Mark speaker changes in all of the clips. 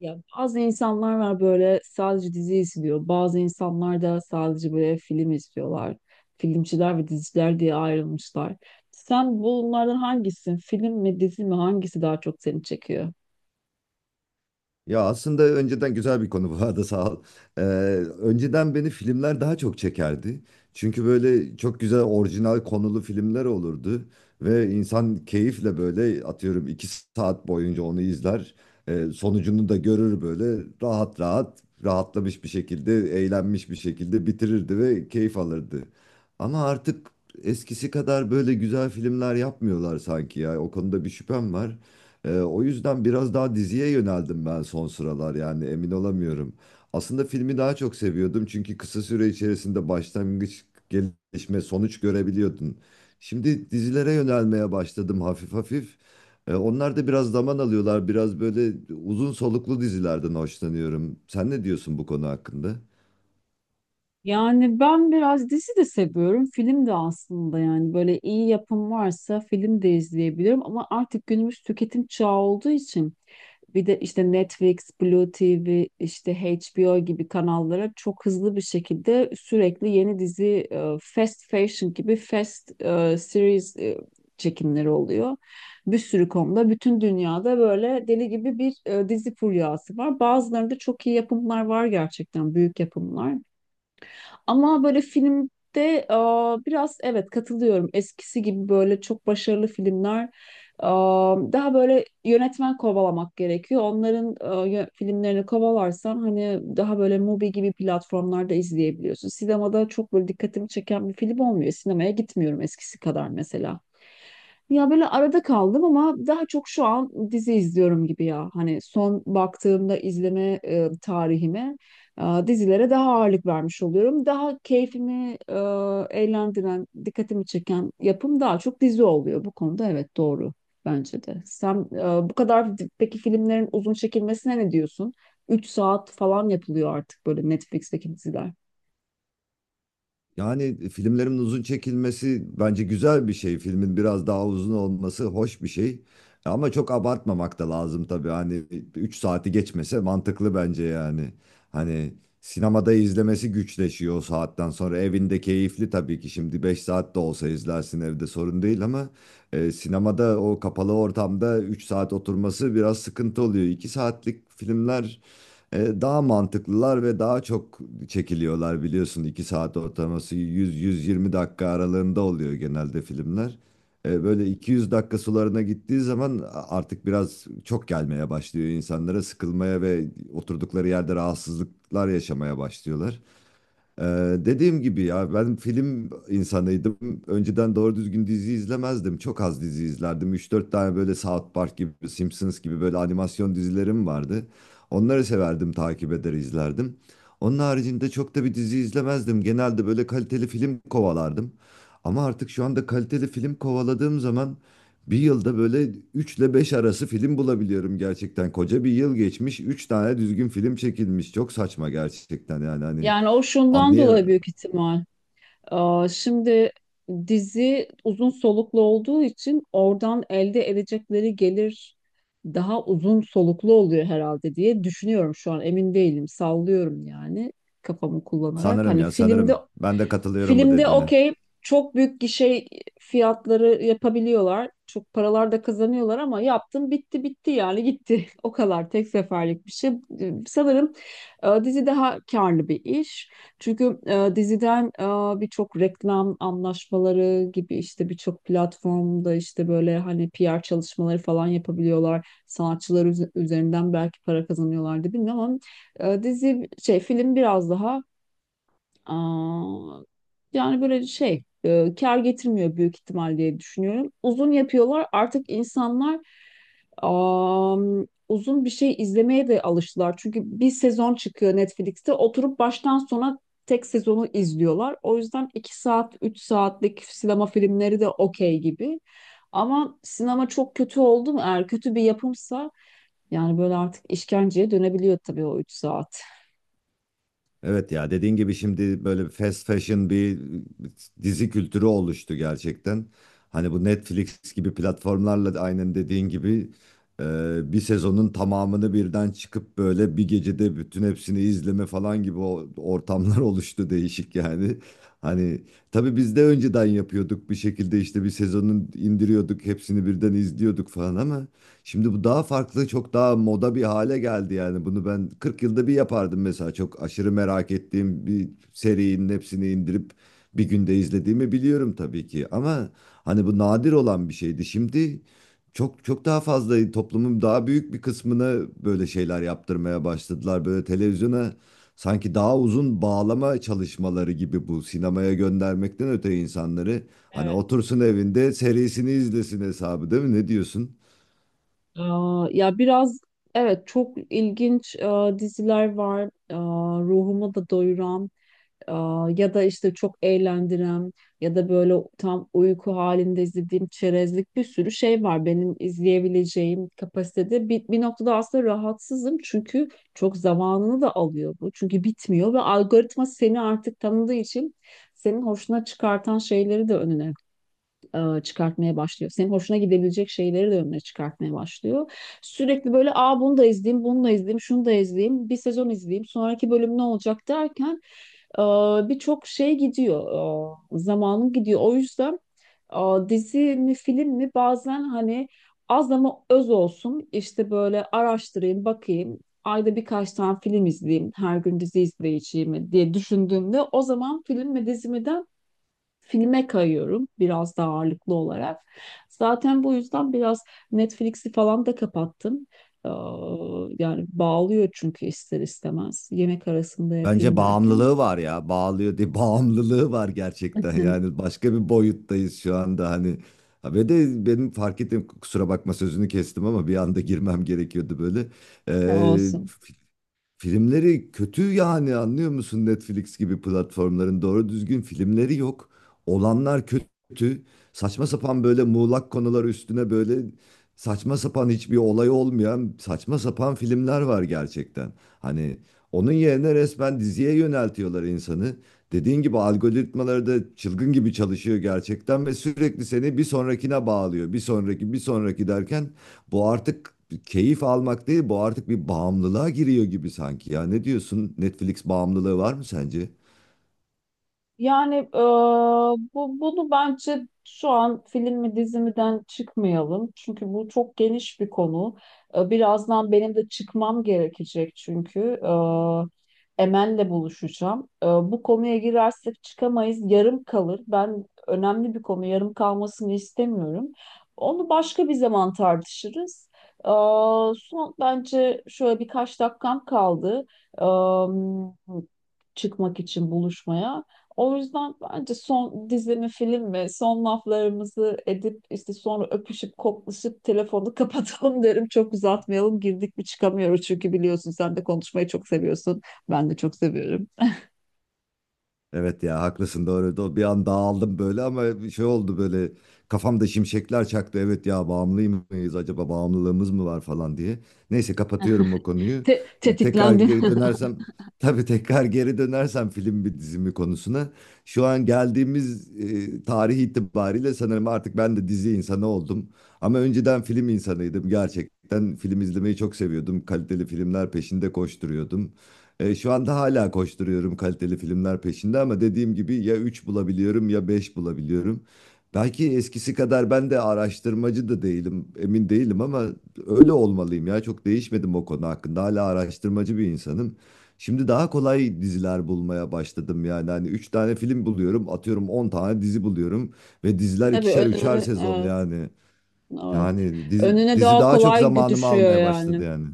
Speaker 1: Ya bazı insanlar var böyle sadece dizi izliyor. Bazı insanlar da sadece böyle film izliyorlar. Filmciler ve diziciler diye ayrılmışlar. Sen bunlardan hangisin? Film mi dizi mi, hangisi daha çok seni çekiyor?
Speaker 2: Ya aslında önceden güzel bir konu bu arada sağ ol. Ee, Önceden beni filmler daha çok çekerdi. Çünkü böyle çok güzel orijinal konulu filmler olurdu. Ve insan keyifle böyle atıyorum 2 saat boyunca onu izler. Sonucunu da görür böyle rahat rahat rahatlamış bir şekilde eğlenmiş bir şekilde bitirirdi ve keyif alırdı. Ama artık eskisi kadar böyle güzel filmler yapmıyorlar sanki ya. O konuda bir şüphem var. O yüzden biraz daha diziye yöneldim ben son sıralar, yani emin olamıyorum. Aslında filmi daha çok seviyordum çünkü kısa süre içerisinde başlangıç, gelişme, sonuç görebiliyordun. Şimdi dizilere yönelmeye başladım hafif hafif. Onlar da biraz zaman alıyorlar. Biraz böyle uzun soluklu dizilerden hoşlanıyorum. Sen ne diyorsun bu konu hakkında?
Speaker 1: Yani ben biraz dizi de seviyorum. Film de aslında, yani böyle iyi yapım varsa film de izleyebilirim. Ama artık günümüz tüketim çağı olduğu için bir de işte Netflix, Blue TV, işte HBO gibi kanallara çok hızlı bir şekilde sürekli yeni dizi, fast fashion gibi fast series çekimleri oluyor. Bir sürü konuda bütün dünyada böyle deli gibi bir dizi furyası var. Bazılarında çok iyi yapımlar var, gerçekten büyük yapımlar. Ama böyle filmde biraz, evet, katılıyorum. Eskisi gibi böyle çok başarılı filmler daha böyle, yönetmen kovalamak gerekiyor. Onların filmlerini kovalarsan hani daha böyle Mubi gibi platformlarda izleyebiliyorsun. Sinemada çok böyle dikkatimi çeken bir film olmuyor. Sinemaya gitmiyorum eskisi kadar mesela. Ya böyle arada kaldım ama daha çok şu an dizi izliyorum gibi ya. Hani son baktığımda izleme tarihime dizilere daha ağırlık vermiş oluyorum. Daha keyfimi eğlendiren, dikkatimi çeken yapım daha çok dizi oluyor. Bu konuda evet, doğru bence de. Sen e, bu kadar di- peki filmlerin uzun çekilmesine ne diyorsun? Üç saat falan yapılıyor artık böyle Netflix'teki diziler.
Speaker 2: Yani filmlerin uzun çekilmesi bence güzel bir şey. Filmin biraz daha uzun olması hoş bir şey. Ama çok abartmamak da lazım tabii. Hani 3 saati geçmese mantıklı bence yani. Hani sinemada izlemesi güçleşiyor o saatten sonra. Evinde keyifli tabii ki, şimdi 5 saat de olsa izlersin evde sorun değil ama sinemada o kapalı ortamda 3 saat oturması biraz sıkıntı oluyor. 2 saatlik filmler daha mantıklılar ve daha çok çekiliyorlar, biliyorsun 2 saat ortalaması 100-120 dakika aralığında oluyor genelde filmler. Böyle 200 dakika sularına gittiği zaman artık biraz çok gelmeye başlıyor insanlara, sıkılmaya ve oturdukları yerde rahatsızlıklar yaşamaya başlıyorlar. Dediğim gibi ya, ben film insanıydım. Önceden doğru düzgün dizi izlemezdim. Çok az dizi izlerdim. 3-4 tane böyle South Park gibi, Simpsons gibi böyle animasyon dizilerim vardı. Onları severdim, takip eder izlerdim. Onun haricinde çok da bir dizi izlemezdim. Genelde böyle kaliteli film kovalardım. Ama artık şu anda kaliteli film kovaladığım zaman bir yılda böyle 3 ile 5 arası film bulabiliyorum gerçekten. Koca bir yıl geçmiş, 3 tane düzgün film çekilmiş. Çok saçma gerçekten yani hani.
Speaker 1: Yani o şundan dolayı
Speaker 2: Anlayam
Speaker 1: büyük ihtimal. Şimdi dizi uzun soluklu olduğu için oradan elde edecekleri gelir daha uzun soluklu oluyor herhalde diye düşünüyorum şu an. Emin değilim. Sallıyorum yani, kafamı kullanarak.
Speaker 2: sanırım
Speaker 1: Hani
Speaker 2: ya
Speaker 1: filmde
Speaker 2: sanırım. Ben de katılıyorum bu
Speaker 1: filmde
Speaker 2: dediğine.
Speaker 1: okey, çok büyük gişe fiyatları yapabiliyorlar. Çok paralar da kazanıyorlar ama yaptım bitti, bitti yani, gitti. O kadar, tek seferlik bir şey. Sanırım dizi daha karlı bir iş. Çünkü diziden birçok reklam anlaşmaları gibi, işte birçok platformda işte böyle hani PR çalışmaları falan yapabiliyorlar. Sanatçılar üzerinden belki para kazanıyorlar da bilmiyorum ama dizi şey, film biraz daha Aa, yani böyle şey kar getirmiyor büyük ihtimal diye düşünüyorum. Uzun yapıyorlar, artık insanlar uzun bir şey izlemeye de alıştılar. Çünkü bir sezon çıkıyor Netflix'te, oturup baştan sona tek sezonu izliyorlar. O yüzden 2 saat, 3 saatlik sinema filmleri de okey gibi. Ama sinema çok kötü oldu mu, eğer kötü bir yapımsa yani, böyle artık işkenceye dönebiliyor tabii o 3 saat.
Speaker 2: Evet ya, dediğin gibi şimdi böyle fast fashion bir dizi kültürü oluştu gerçekten. Hani bu Netflix gibi platformlarla da aynen dediğin gibi bir sezonun tamamını birden çıkıp böyle bir gecede bütün hepsini izleme falan gibi ortamlar oluştu, değişik yani. Hani tabii biz de önceden yapıyorduk bir şekilde, işte bir sezonun indiriyorduk hepsini birden izliyorduk falan ama şimdi bu daha farklı, çok daha moda bir hale geldi yani. Bunu ben 40 yılda bir yapardım mesela. Çok aşırı merak ettiğim bir serinin hepsini indirip bir günde izlediğimi biliyorum tabii ki. Ama hani bu nadir olan bir şeydi. Şimdi çok çok daha fazla, toplumun daha büyük bir kısmına böyle şeyler yaptırmaya başladılar. Böyle televizyona sanki daha uzun bağlama çalışmaları gibi, bu sinemaya göndermekten öte insanları hani otursun evinde serisini izlesin hesabı, değil mi? Ne diyorsun?
Speaker 1: Ya biraz, evet, çok ilginç diziler var. E, ruhumu da doyuran, e, ya da işte çok eğlendiren, ya da böyle tam uyku halinde izlediğim çerezlik bir sürü şey var benim izleyebileceğim kapasitede. Bir noktada aslında rahatsızım çünkü çok zamanını da alıyor bu. Çünkü bitmiyor, ve algoritma seni artık tanıdığı için senin hoşuna çıkartan şeyleri de önüne çıkartmaya başlıyor. Senin hoşuna gidebilecek şeyleri de önüne çıkartmaya başlıyor. Sürekli böyle, aa, bunu da izleyeyim, bunu da izleyeyim, şunu da izleyeyim, bir sezon izleyeyim, sonraki bölüm ne olacak derken e, birçok şey gidiyor, zamanın gidiyor. O yüzden dizi mi film mi, bazen hani az ama öz olsun, işte böyle araştırayım, bakayım. Ayda birkaç tane film izleyeyim, her gün dizi izleyeceğimi diye düşündüğümde o zaman film mi dizi mi, filme kayıyorum biraz daha ağırlıklı olarak. Zaten bu yüzden biraz Netflix'i falan da kapattım. Ee, Yani bağlıyor çünkü ister istemez. Yemek arasında yapayım
Speaker 2: Bence
Speaker 1: derken.
Speaker 2: bağımlılığı var ya. Bağlıyor diye bağımlılığı var gerçekten. Yani başka bir boyuttayız şu anda hani. Ha, ve de benim fark ettim, kusura bakma sözünü kestim ama bir anda girmem gerekiyordu böyle. Ee,
Speaker 1: Olsun.
Speaker 2: Filmleri kötü, yani anlıyor musun? Netflix gibi platformların doğru düzgün filmleri yok. Olanlar kötü. Saçma sapan böyle muğlak konular üstüne böyle saçma sapan, hiçbir olay olmayan saçma sapan filmler var gerçekten. Hani onun yerine resmen diziye yöneltiyorlar insanı. Dediğin gibi algoritmaları da çılgın gibi çalışıyor gerçekten ve sürekli seni bir sonrakine bağlıyor. Bir sonraki, bir sonraki derken bu artık keyif almak değil, bu artık bir bağımlılığa giriyor gibi sanki ya. Ne diyorsun? Netflix bağımlılığı var mı sence?
Speaker 1: Yani e, bu bunu bence şu an film mi dizi miden çıkmayalım. Çünkü bu çok geniş bir konu. Birazdan benim de çıkmam gerekecek çünkü. Emel'le buluşacağım. Bu konuya girersek çıkamayız. Yarım kalır. Ben, önemli bir konu, yarım kalmasını istemiyorum. Onu başka bir zaman tartışırız. E, son bence şöyle birkaç dakikam kaldı. E, Çıkmak için buluşmaya. O yüzden bence son, dizi mi film mi, son laflarımızı edip işte sonra öpüşüp koklaşıp telefonu kapatalım derim. Çok uzatmayalım, girdik mi çıkamıyoruz çünkü, biliyorsun sen de konuşmayı çok seviyorsun. Ben de çok seviyorum.
Speaker 2: Evet ya, haklısın, doğru. Bir an dağıldım böyle ama bir şey oldu böyle, kafamda şimşekler çaktı. Evet ya, bağımlı mıyız acaba, bağımlılığımız mı var falan diye. Neyse, kapatıyorum o konuyu.
Speaker 1: Te-
Speaker 2: Tekrar
Speaker 1: tetiklendim.
Speaker 2: geri dönersem Tabii tekrar geri dönersem film bir dizimi konusuna. Şu an geldiğimiz tarih itibariyle sanırım artık ben de dizi insanı oldum. Ama önceden film insanıydım gerçekten. Film izlemeyi çok seviyordum. Kaliteli filmler peşinde koşturuyordum. Şu anda hala koşturuyorum kaliteli filmler peşinde ama dediğim gibi ya 3 bulabiliyorum ya 5 bulabiliyorum. Belki eskisi kadar ben de araştırmacı da değilim, emin değilim ama öyle olmalıyım ya. Çok değişmedim o konu hakkında. Hala araştırmacı bir insanım. Şimdi daha kolay diziler bulmaya başladım yani. Hani 3 tane film buluyorum, atıyorum 10 tane dizi buluyorum ve diziler
Speaker 1: Tabii
Speaker 2: ikişer üçer
Speaker 1: önüne,
Speaker 2: sezon
Speaker 1: evet,
Speaker 2: yani.
Speaker 1: evet.
Speaker 2: Yani dizi,
Speaker 1: Önüne
Speaker 2: dizi
Speaker 1: daha
Speaker 2: daha çok
Speaker 1: kolay
Speaker 2: zamanımı
Speaker 1: düşüyor
Speaker 2: almaya başladı
Speaker 1: yani.
Speaker 2: yani.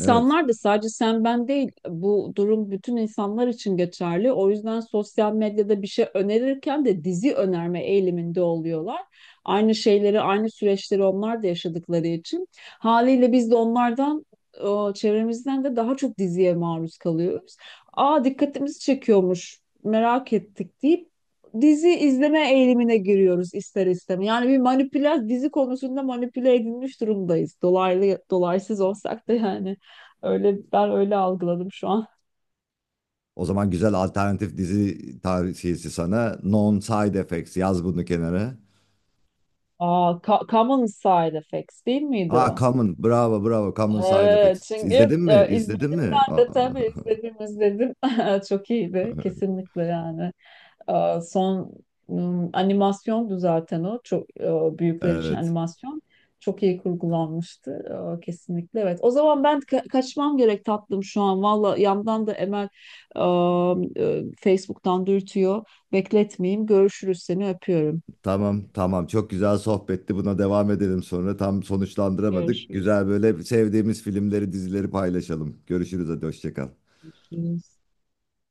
Speaker 2: Evet.
Speaker 1: da, sadece sen ben değil, bu durum bütün insanlar için geçerli. O yüzden sosyal medyada bir şey önerirken de dizi önerme eğiliminde oluyorlar. Aynı şeyleri, aynı süreçleri onlar da yaşadıkları için haliyle biz de onlardan, çevremizden de daha çok diziye maruz kalıyoruz. Dikkatimizi çekiyormuş, merak ettik deyip dizi izleme eğilimine giriyoruz ister istemez. Yani bir manipüle, dizi konusunda manipüle edilmiş durumdayız. Dolaylı dolaysız olsak da yani, öyle, ben öyle algıladım şu an.
Speaker 2: O zaman güzel alternatif dizi tavsiyesi sana. Non Side Effects, yaz bunu kenara.
Speaker 1: Common Side Effects değil miydi
Speaker 2: Aa,
Speaker 1: o?
Speaker 2: Common, bravo bravo, Common Side
Speaker 1: Evet,
Speaker 2: Effects.
Speaker 1: çünkü
Speaker 2: İzledin mi?
Speaker 1: izledim
Speaker 2: İzledin mi?
Speaker 1: ben de,
Speaker 2: Aa.
Speaker 1: tabii izledim, izledim. Çok iyiydi kesinlikle yani. Son animasyondu zaten o. Çok büyükler için
Speaker 2: Evet.
Speaker 1: animasyon. Çok iyi kurgulanmıştı. Kesinlikle evet. O zaman ben kaçmam gerek tatlım şu an. Valla yandan da Emel e, Facebook'tan dürtüyor. Bekletmeyeyim. Görüşürüz, seni öpüyorum.
Speaker 2: Tamam tamam, çok güzel sohbetti. Buna devam edelim sonra. Tam sonuçlandıramadık.
Speaker 1: Görüşürüz.
Speaker 2: Güzel böyle sevdiğimiz filmleri dizileri paylaşalım. Görüşürüz, hadi hoşça kal.
Speaker 1: Görüşürüz.